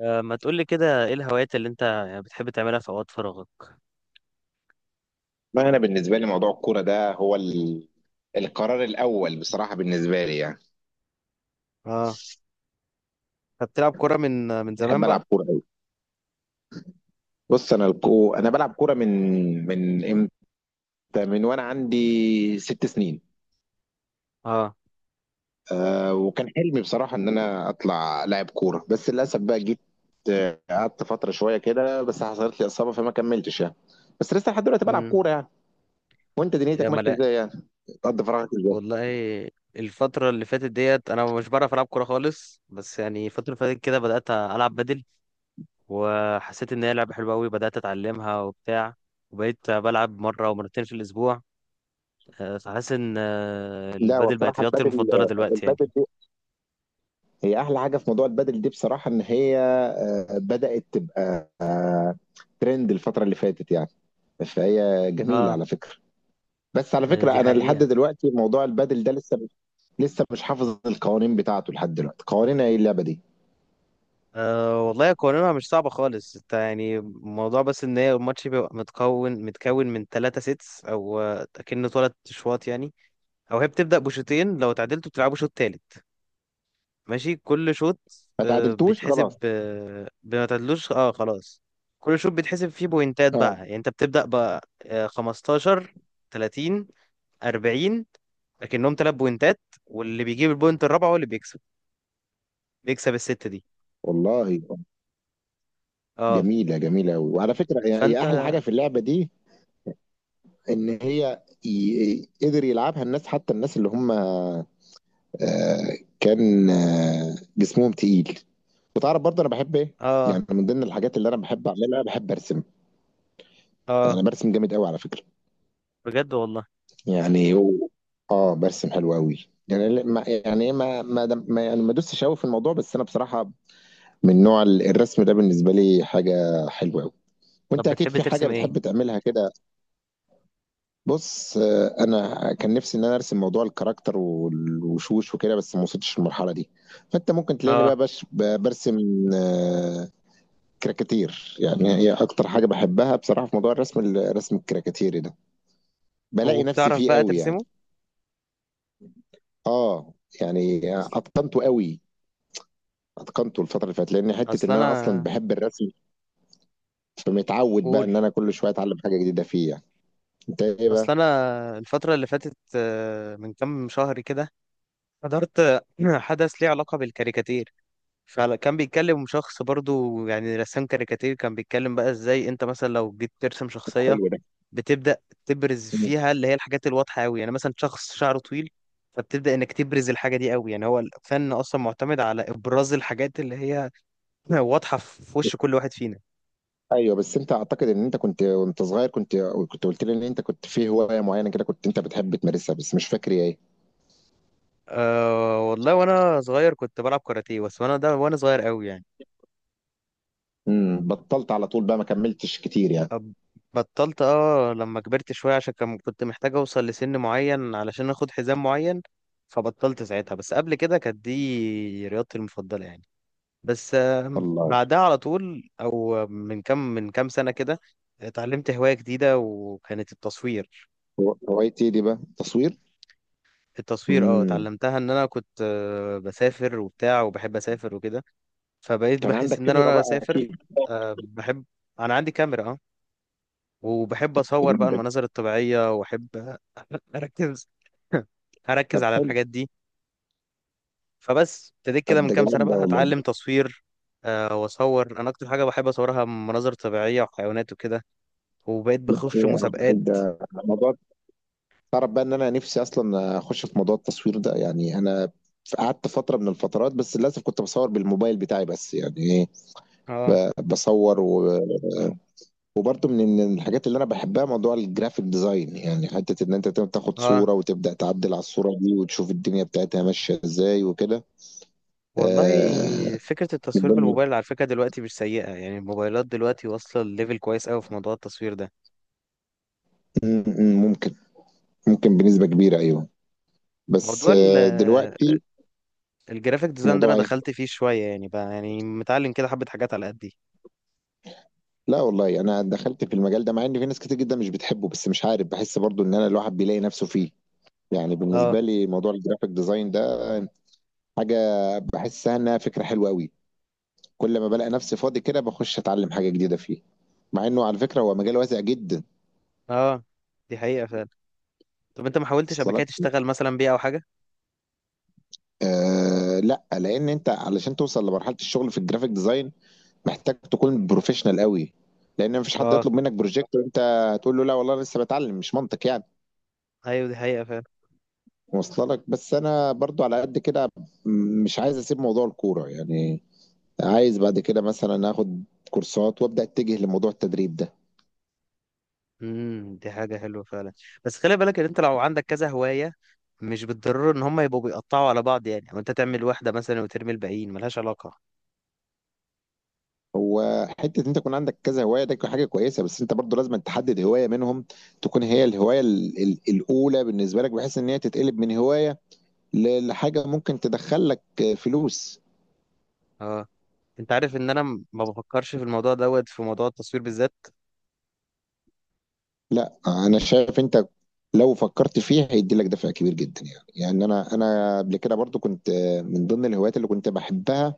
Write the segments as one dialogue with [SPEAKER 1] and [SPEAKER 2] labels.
[SPEAKER 1] ما تقولي كده، ايه الهوايات اللي انت يعني بتحب تعملها في اوقات فراغك؟
[SPEAKER 2] ما انا بالنسبه لي موضوع الكوره ده هو القرار الاول بصراحه بالنسبه لي يعني.
[SPEAKER 1] اه. طب بتلعب كورة من زمان
[SPEAKER 2] احب
[SPEAKER 1] بقى؟
[SPEAKER 2] العب كوره قوي. بص انا انا بلعب كوره من امتى، من وانا عندي ست سنين.
[SPEAKER 1] اه.
[SPEAKER 2] أه وكان حلمي بصراحه ان انا اطلع لاعب كوره، بس للاسف بقى جيت قعدت فتره شويه كده، بس حصلت لي اصابه فما كملتش يعني. بس لسه لحد دلوقتي بلعب
[SPEAKER 1] امم.
[SPEAKER 2] كوره يعني. وانت
[SPEAKER 1] يا
[SPEAKER 2] دنيتك ماشيه
[SPEAKER 1] ملاء.
[SPEAKER 2] ازاي يعني؟ بتقضي فراغك ازاي؟
[SPEAKER 1] والله الفترة اللي فاتت ديت انا مش بعرف العب كورة خالص، بس يعني الفترة اللي فاتت كده بدأت العب بدل. وحسيت ان هي لعبة حلوة قوي، بدأت اتعلمها وبتاع. وبقيت بلعب مرة ومرتين في الاسبوع. فحاسس ان
[SPEAKER 2] لا
[SPEAKER 1] البدل بقت
[SPEAKER 2] وبصراحه
[SPEAKER 1] رياضتي
[SPEAKER 2] البدل
[SPEAKER 1] المفضلة دلوقتي يعني.
[SPEAKER 2] البدل هي احلى حاجه في موضوع البادل دي بصراحه، ان هي بدات تبقى ترند الفتره اللي فاتت يعني. فهي جميله
[SPEAKER 1] اه.
[SPEAKER 2] على فكره. بس على فكره
[SPEAKER 1] دي
[SPEAKER 2] انا لحد
[SPEAKER 1] حقيقة.
[SPEAKER 2] دلوقتي موضوع البادل ده لسه، لسه مش حافظ القوانين بتاعته لحد دلوقتي. قوانين ايه اللعبه دي؟
[SPEAKER 1] أه والله قوانينها مش صعبة خالص، انت يعني الموضوع بس ان هي الماتش بيبقى متكون من ثلاثة سيتس، او اكن ثلاث شوط يعني. او هي بتبدأ بشوطين، لو تعادلتوا بتلعبوا شوط تالت. ماشي. كل شوط
[SPEAKER 2] ما تعادلتوش
[SPEAKER 1] بيتحسب
[SPEAKER 2] خلاص.
[SPEAKER 1] بما تعادلوش، اه خلاص. كل شوط بيتحسب فيه بوينتات بقى،
[SPEAKER 2] اه
[SPEAKER 1] يعني انت بتبدأ بقى 15، 30، 40. لكنهم ثلاث بوينتات، واللي بيجيب البوينت الرابعة هو اللي بيكسب، بيكسب الست دي.
[SPEAKER 2] والله.
[SPEAKER 1] اه.
[SPEAKER 2] جميله قوي. وعلى فكره هي
[SPEAKER 1] فانت.
[SPEAKER 2] احلى حاجه في اللعبه دي ان هي قدر يلعبها الناس حتى الناس اللي هم كان جسمهم تقيل. وتعرف برضه انا بحب ايه؟
[SPEAKER 1] اه.
[SPEAKER 2] يعني من ضمن الحاجات اللي انا بحب اعملها بحب ارسم.
[SPEAKER 1] اه.
[SPEAKER 2] انا برسم جامد قوي على فكره.
[SPEAKER 1] بجد والله.
[SPEAKER 2] يعني اه برسم حلو قوي يعني. ما يعني ايه، ما يعني ما دوستش قوي في الموضوع، بس انا بصراحه من نوع الرسم ده بالنسبه لي حاجه حلوه قوي. وانت
[SPEAKER 1] طب
[SPEAKER 2] اكيد
[SPEAKER 1] بتحب
[SPEAKER 2] في حاجه
[SPEAKER 1] ترسم ايه؟
[SPEAKER 2] بتحب تعملها كده؟ بص انا كان نفسي ان انا ارسم موضوع الكاركتر والوشوش وكده، بس ما وصلتش للمرحله دي. فانت ممكن تلاقيني
[SPEAKER 1] اه.
[SPEAKER 2] بقى برسم آه، كراكاتير. يعني هي اكتر حاجه بحبها بصراحه في موضوع الرسم الكراكاتيري ده. بلاقي نفسي
[SPEAKER 1] وبتعرف
[SPEAKER 2] فيه
[SPEAKER 1] بقى
[SPEAKER 2] قوي يعني.
[SPEAKER 1] ترسمه؟
[SPEAKER 2] اه يعني اتقنته قوي. اتقنته الفتره اللي فاتت، لان حته
[SPEAKER 1] اصل
[SPEAKER 2] ان انا اصلا
[SPEAKER 1] انا.
[SPEAKER 2] بحب الرسم، فمتعود بقى
[SPEAKER 1] قول.
[SPEAKER 2] ان انا كل شويه اتعلم حاجه جديده فيه يعني. انت ايه
[SPEAKER 1] اصل
[SPEAKER 2] بقى؟
[SPEAKER 1] انا الفتره اللي فاتت من كام شهر كده حضرت حدث ليه علاقه بالكاريكاتير. فكان بيتكلم شخص برضو يعني رسام كاريكاتير، كان بيتكلم بقى ازاي انت مثلا لو جيت ترسم شخصيه،
[SPEAKER 2] حلو ده.
[SPEAKER 1] بتبدا تبرز فيها اللي هي الحاجات الواضحه قوي، يعني مثلا شخص شعره طويل، فبتبدا انك تبرز الحاجه دي قوي. يعني هو الفن اصلا معتمد على ابراز الحاجات اللي هي واضحه في وش كل واحد فينا.
[SPEAKER 2] ايوه بس انت، اعتقد ان انت كنت وانت صغير كنت، كنت قلت لي ان انت كنت في هوايه معينه كده كنت انت بتحب تمارسها، بس مش فاكر هي ايه.
[SPEAKER 1] أه والله وانا صغير كنت بلعب كاراتيه، بس وانا ده وانا صغير قوي يعني.
[SPEAKER 2] بطلت على طول بقى، ما كملتش كتير يعني.
[SPEAKER 1] أب- بطلت اه لما كبرت شويه، عشان كان كنت محتاج اوصل لسن معين علشان اخد حزام معين. فبطلت ساعتها، بس قبل كده كانت دي رياضتي المفضله يعني. بس
[SPEAKER 2] والله.
[SPEAKER 1] بعدها على طول، او من كام سنه كده اتعلمت هوايه جديده وكانت التصوير.
[SPEAKER 2] هوايتي إيه دي بقى؟
[SPEAKER 1] التصوير اه،
[SPEAKER 2] تصوير.
[SPEAKER 1] اتعلمتها ان انا كنت بسافر وبتاع وبحب اسافر وكده. فبقيت
[SPEAKER 2] كان
[SPEAKER 1] بحس
[SPEAKER 2] عندك
[SPEAKER 1] ان انا
[SPEAKER 2] كاميرا
[SPEAKER 1] وانا
[SPEAKER 2] بقى
[SPEAKER 1] بسافر
[SPEAKER 2] اكيد.
[SPEAKER 1] بحب. انا عندي كاميرا اه، وبحب اصور
[SPEAKER 2] جميل
[SPEAKER 1] بقى
[SPEAKER 2] ده.
[SPEAKER 1] المناظر الطبيعيه، واحب اركز. اركز على
[SPEAKER 2] حلو.
[SPEAKER 1] الحاجات دي. فبس ابتديت
[SPEAKER 2] طب
[SPEAKER 1] كده من
[SPEAKER 2] ده
[SPEAKER 1] كام سنه
[SPEAKER 2] جميل ده
[SPEAKER 1] بقى
[SPEAKER 2] والله.
[SPEAKER 1] اتعلم تصوير. واصور انا اكتر حاجه بحب اصورها مناظر طبيعيه وحيوانات وكده. وبقيت بخش
[SPEAKER 2] إيه
[SPEAKER 1] مسابقات.
[SPEAKER 2] ده؟ موضوع، تعرف بقى ان انا نفسي اصلا اخش في موضوع التصوير ده يعني. انا قعدت فتره من الفترات، بس للاسف كنت بصور بالموبايل بتاعي بس يعني ايه،
[SPEAKER 1] اه.
[SPEAKER 2] بصور وبرضه من الحاجات اللي انا بحبها موضوع الجرافيك ديزاين. يعني حته ان انت تاخد
[SPEAKER 1] اه.
[SPEAKER 2] صوره وتبدا تعدل على الصوره دي وتشوف الدنيا بتاعتها ماشيه ازاي وكده.
[SPEAKER 1] والله.
[SPEAKER 2] آه...
[SPEAKER 1] فكره
[SPEAKER 2] من
[SPEAKER 1] التصوير
[SPEAKER 2] ضمن-
[SPEAKER 1] بالموبايل على فكره دلوقتي مش سيئه يعني، الموبايلات دلوقتي واصله لليفل كويس قوي في موضوع التصوير ده.
[SPEAKER 2] ممكن، ممكن بنسبه كبيره، ايوه. بس
[SPEAKER 1] موضوع ال
[SPEAKER 2] دلوقتي
[SPEAKER 1] الجرافيك ديزاين ده انا
[SPEAKER 2] موضوع ايه؟
[SPEAKER 1] دخلت فيه شويه يعني بقى، يعني متعلم كده حبه حاجات على قدي.
[SPEAKER 2] لا والله انا دخلت في المجال ده، مع ان في ناس كتير جدا مش بتحبه، بس مش عارف، بحس برضو ان انا الواحد بيلاقي نفسه فيه. يعني
[SPEAKER 1] اه.
[SPEAKER 2] بالنسبه لي موضوع الجرافيك ديزاين ده حاجه بحسها انها فكره حلوه قوي. كل ما بلاقي نفسي فاضي كده بخش اتعلم حاجه جديده فيه. مع انه على فكره هو مجال واسع جدا.
[SPEAKER 1] اه. دي حقيقه فعلا. طب انت ما حاولتش قبل
[SPEAKER 2] اصل
[SPEAKER 1] كده
[SPEAKER 2] لك
[SPEAKER 1] تشتغل مثلا بيه او حاجه؟
[SPEAKER 2] لا، لان انت علشان توصل لمرحله الشغل في الجرافيك ديزاين محتاج تكون بروفيشنال قوي. لان مفيش حد
[SPEAKER 1] اه.
[SPEAKER 2] يطلب منك بروجكت وانت تقول له لا والله لسه بتعلم، مش منطق يعني.
[SPEAKER 1] ايوه دي حقيقه فعلا.
[SPEAKER 2] واصله لك. بس انا برضو على قد كده، مش عايز اسيب موضوع الكوره يعني. عايز بعد كده مثلا اخد كورسات وابدا اتجه لموضوع التدريب ده.
[SPEAKER 1] امم. دي حاجه حلوه فعلا. بس خلي بالك ان انت لو عندك كذا هوايه، مش بالضروره ان هم يبقوا بيقطعوا على بعض يعني، او انت تعمل واحده مثلا وترمي الباقيين ملهاش علاقه.
[SPEAKER 2] هو حته ان انت يكون عندك كذا هوايه ده حاجه كويسه، بس انت برضو لازم تحدد هوايه منهم تكون هي الهوايه الاولى بالنسبه لك، بحيث ان هي تتقلب من هوايه لحاجه ممكن تدخل لك فلوس.
[SPEAKER 1] اه. انت عارف ان انا ما بفكرش في الموضوع دوت، في موضوع التصوير بالذات.
[SPEAKER 2] لا انا شايف انت لو فكرت فيه هيدي لك دفع كبير جدا يعني. يعني انا قبل كده برضو كنت من ضمن الهوايات اللي كنت بحبها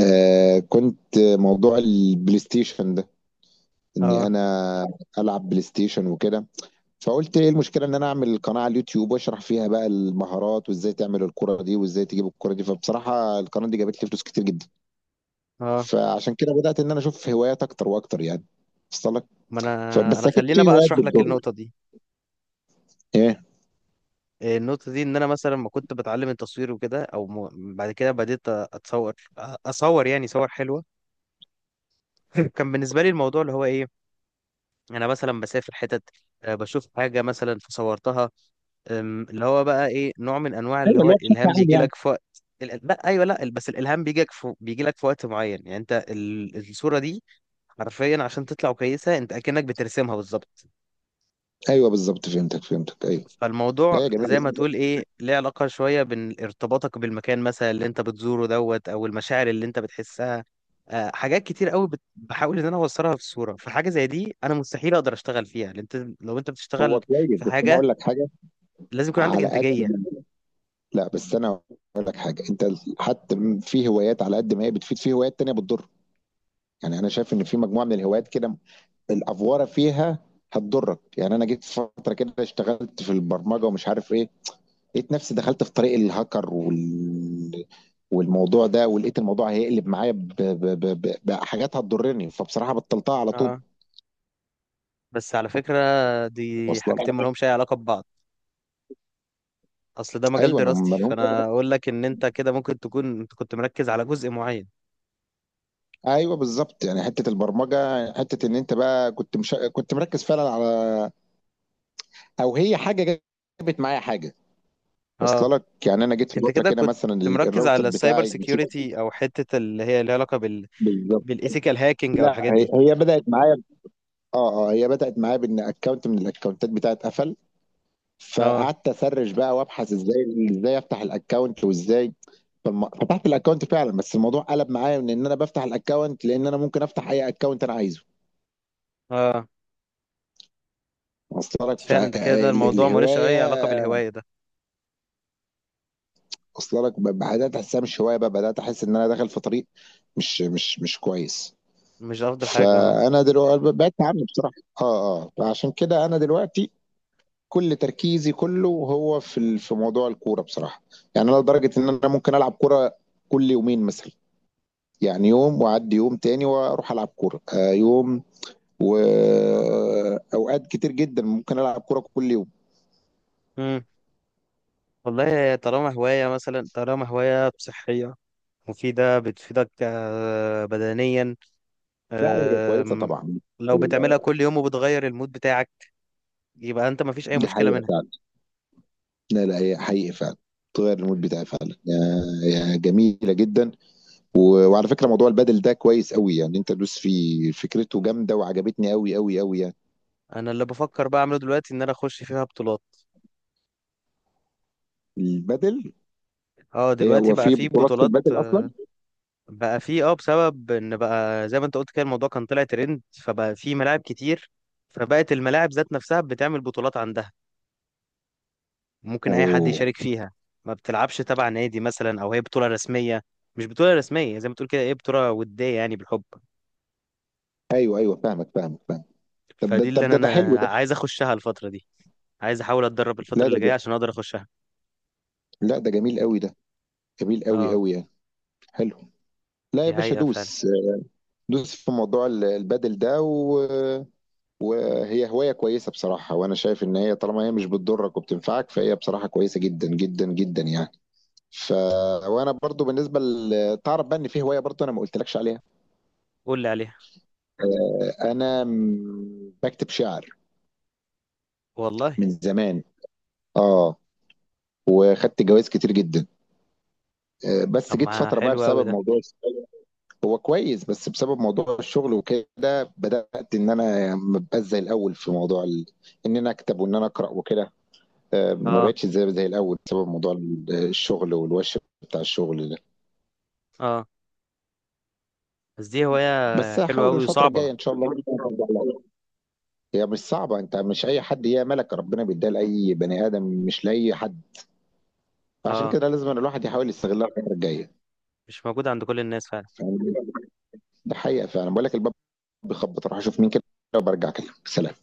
[SPEAKER 2] كنت موضوع البلاي ستيشن ده، اني
[SPEAKER 1] اه.
[SPEAKER 2] انا العب بلاي ستيشن وكده. فقلت ايه المشكله ان انا اعمل قناه على اليوتيوب واشرح فيها بقى المهارات وازاي تعمل الكره دي وازاي تجيب الكره دي، فبصراحه القناه دي جابت لي فلوس كتير جدا.
[SPEAKER 1] اه.
[SPEAKER 2] فعشان كده بدات ان انا اشوف هوايات اكتر واكتر يعني. وصل لك.
[SPEAKER 1] ما انا
[SPEAKER 2] فبس
[SPEAKER 1] انا
[SPEAKER 2] اكيد
[SPEAKER 1] خلينا
[SPEAKER 2] في
[SPEAKER 1] بقى
[SPEAKER 2] هوايات
[SPEAKER 1] اشرح لك
[SPEAKER 2] بتضر.
[SPEAKER 1] النقطه دي.
[SPEAKER 2] ايه؟
[SPEAKER 1] إيه النقطة دي؟ إن أنا مثلا ما كنت بتعلم التصوير وكده، أو بعد كده بديت أتصور، أصور يعني صور حلوة. كان بالنسبة لي الموضوع اللي هو إيه، أنا مثلا بسافر حتت، بشوف حاجة مثلا فصورتها. اللي هو بقى إيه، نوع من أنواع اللي
[SPEAKER 2] ايوه
[SPEAKER 1] هو
[SPEAKER 2] اللي هو بشكل
[SPEAKER 1] الإلهام
[SPEAKER 2] عام
[SPEAKER 1] بيجي
[SPEAKER 2] يعني.
[SPEAKER 1] لك في وقت. لا أيوه لا، بس الإلهام بيجي لك في... بيجي لك في وقت معين. يعني أنت الصورة دي حرفيا عشان تطلع كويسة، أنت أكنك بترسمها بالظبط.
[SPEAKER 2] ايوه بالظبط، فهمتك ايوه.
[SPEAKER 1] فالموضوع
[SPEAKER 2] لا يا جميل
[SPEAKER 1] زي ما
[SPEAKER 2] بس.
[SPEAKER 1] تقول ايه ليه علاقة شوية بين ارتباطك بالمكان مثلا اللي انت بتزوره دوت، او المشاعر اللي انت بتحسها. حاجات كتير قوي بحاول ان انا اوصلها في صورة، فحاجة زي دي انا مستحيل اقدر اشتغل فيها، لان انت لو انت بتشتغل
[SPEAKER 2] هو كويس
[SPEAKER 1] في
[SPEAKER 2] بس انا
[SPEAKER 1] حاجة
[SPEAKER 2] اقول لك حاجه.
[SPEAKER 1] لازم يكون عندك
[SPEAKER 2] على قد.
[SPEAKER 1] انتاجية.
[SPEAKER 2] لا بس انا اقول لك حاجه، انت حتى في هوايات على قد ما هي بتفيد في هوايات تانية بتضر. يعني انا شايف ان في مجموعه من الهوايات كده الافوره فيها هتضرك. يعني انا جيت فتره كده اشتغلت في البرمجه ومش عارف ايه، لقيت نفسي دخلت في طريق الهاكر والموضوع ده، ولقيت الموضوع هيقلب معايا بحاجات هتضرني، فبصراحه بطلتها على طول.
[SPEAKER 1] اه. بس على فكرة دي
[SPEAKER 2] واصله
[SPEAKER 1] حاجتين ما
[SPEAKER 2] لك.
[SPEAKER 1] لهمش اي علاقة ببعض. اصل ده مجال
[SPEAKER 2] ايوه هم
[SPEAKER 1] دراستي،
[SPEAKER 2] هم-
[SPEAKER 1] فانا اقول لك ان انت كده ممكن تكون انت كنت مركز على جزء معين.
[SPEAKER 2] ايوه بالظبط يعني. حته البرمجه، حته ان انت بقى كنت مش... كنت مركز فعلا على، او هي حاجه جابت معايا حاجه.
[SPEAKER 1] اه.
[SPEAKER 2] واصله لك. يعني انا جيت في
[SPEAKER 1] انت
[SPEAKER 2] فتره
[SPEAKER 1] كده
[SPEAKER 2] كده،
[SPEAKER 1] كنت
[SPEAKER 2] مثلا
[SPEAKER 1] مركز
[SPEAKER 2] الراوتر
[SPEAKER 1] على السايبر
[SPEAKER 2] بتاعي نسيت.
[SPEAKER 1] سيكيورتي، او حتة اللي هي ليها علاقة بال
[SPEAKER 2] بالظبط.
[SPEAKER 1] بالايثيكال هاكينج او الحاجات
[SPEAKER 2] هي
[SPEAKER 1] دي.
[SPEAKER 2] هي بدات معايا. اه هي بدات معايا بان اكونت من الاكونتات بتاعت قفل،
[SPEAKER 1] اه.
[SPEAKER 2] فقعدت اسرش بقى وابحث ازاي، ازاي افتح الاكونت وازاي. فتحت الاكونت فعلا، بس الموضوع قلب معايا من ان انا بفتح الاكونت، لان انا ممكن افتح اي اكونت انا عايزه.
[SPEAKER 1] اه.
[SPEAKER 2] واصله لك.
[SPEAKER 1] فعلا انت كده الموضوع ملوش
[SPEAKER 2] فالهوايه،
[SPEAKER 1] اي علاقة بالهواية ده.
[SPEAKER 2] واصله لك، بدات احسها مش هوايه بقى، بدات احس ان انا داخل في طريق مش كويس.
[SPEAKER 1] مش افضل حاجة اه.
[SPEAKER 2] فانا دلوقتي بعدت عنه بصراحه. اه فعشان كده انا دلوقتي كل تركيزي كله هو في في موضوع الكوره بصراحه. يعني انا لدرجه ان انا ممكن العب كوره كل يومين مثلا، يعني يوم واعدي يوم تاني واروح العب كوره، يوم. واوقات كتير جدا ممكن العب كوره كل يوم.
[SPEAKER 1] امم. والله طالما هواية مثلا، طالما هواية صحية مفيدة بتفيدك بدنيا،
[SPEAKER 2] لا هي كويسه
[SPEAKER 1] آم،
[SPEAKER 2] طبعا.
[SPEAKER 1] لو بتعملها كل يوم وبتغير المود بتاعك، يبقى انت مفيش اي
[SPEAKER 2] دي
[SPEAKER 1] مشكلة
[SPEAKER 2] حقيقه
[SPEAKER 1] منها.
[SPEAKER 2] فعلا. لا لا، هي حقيقه فعلا تغير المود بتاعي فعلا، يا جميله جدا. وعلى فكرة موضوع البادل ده كويس قوي يعني. انت دوس فيه، فكرته جامدة وعجبتني قوي قوي قوي يعني.
[SPEAKER 1] انا اللي بفكر بقى اعمله دلوقتي ان انا اخش فيها بطولات.
[SPEAKER 2] البادل.
[SPEAKER 1] اه
[SPEAKER 2] هي
[SPEAKER 1] دلوقتي
[SPEAKER 2] هو
[SPEAKER 1] بقى
[SPEAKER 2] في
[SPEAKER 1] في
[SPEAKER 2] بطولات في
[SPEAKER 1] بطولات.
[SPEAKER 2] البادل اصلا؟
[SPEAKER 1] بقى في اه، بسبب ان بقى زي ما انت قلت كده الموضوع كان طلع ترند، فبقى في ملاعب كتير، فبقت الملاعب ذات نفسها بتعمل بطولات عندها، ممكن اي حد
[SPEAKER 2] اوه.
[SPEAKER 1] يشارك فيها. ما بتلعبش تبع نادي مثلا او هي بطولة رسمية، مش بطولة رسمية زي ما تقول كده ايه بطولة ودية يعني بالحب.
[SPEAKER 2] ايوه ايوه، فاهمك. طب ده
[SPEAKER 1] فدي اللي
[SPEAKER 2] طب
[SPEAKER 1] انا
[SPEAKER 2] ده ده حلو
[SPEAKER 1] انا
[SPEAKER 2] ده.
[SPEAKER 1] عايز اخشها الفترة دي، عايز احاول اتدرب الفترة
[SPEAKER 2] لا
[SPEAKER 1] اللي
[SPEAKER 2] ده
[SPEAKER 1] جاية
[SPEAKER 2] جا-
[SPEAKER 1] عشان اقدر اخشها.
[SPEAKER 2] لا ده جميل قوي ده، جميل قوي
[SPEAKER 1] اه
[SPEAKER 2] قوي يعني. حلو. لا يا
[SPEAKER 1] دي
[SPEAKER 2] باشا
[SPEAKER 1] حقيقة فعلا.
[SPEAKER 2] دوس، دوس في موضوع البادل ده وهي هواية كويسة بصراحة، وانا شايف ان هي طالما هي مش بتضرك وبتنفعك فهي بصراحة كويسة جدا جدا جدا يعني. ف وانا برضو تعرف بقى ان في هواية برضو انا ما قلتلكش عليها.
[SPEAKER 1] قول لي عليها.
[SPEAKER 2] انا بكتب شعر
[SPEAKER 1] والله.
[SPEAKER 2] من زمان. اه وخدت جوائز كتير جدا. بس
[SPEAKER 1] طب
[SPEAKER 2] جيت
[SPEAKER 1] ما
[SPEAKER 2] فتره بقى
[SPEAKER 1] حلو قوي
[SPEAKER 2] بسبب
[SPEAKER 1] ده.
[SPEAKER 2] موضوع الشغل. هو كويس، بس بسبب موضوع الشغل وكده بدات ان انا ما بقاش زي الاول في موضوع ان انا اكتب وان انا اقرا وكده. ما
[SPEAKER 1] اه.
[SPEAKER 2] بقتش زي الاول بسبب موضوع الشغل والوش بتاع الشغل ده.
[SPEAKER 1] اه. بس دي هواية
[SPEAKER 2] بس
[SPEAKER 1] حلوة
[SPEAKER 2] هحاول
[SPEAKER 1] قوي
[SPEAKER 2] الفتره
[SPEAKER 1] وصعبة.
[SPEAKER 2] الجايه ان شاء الله. هي مش صعبه، انت مش اي حد، هي ملك ربنا بيديها لاي بني ادم مش لاي حد. فعشان
[SPEAKER 1] اه.
[SPEAKER 2] كده لازم أن الواحد يحاول يستغلها الفترة الجاية.
[SPEAKER 1] مش موجودة عند كل الناس فعلا.
[SPEAKER 2] فاهم؟ ده حقيقة فعلا. بقول لك الباب بيخبط، اروح اشوف مين كده وبرجع اكلمك. سلام.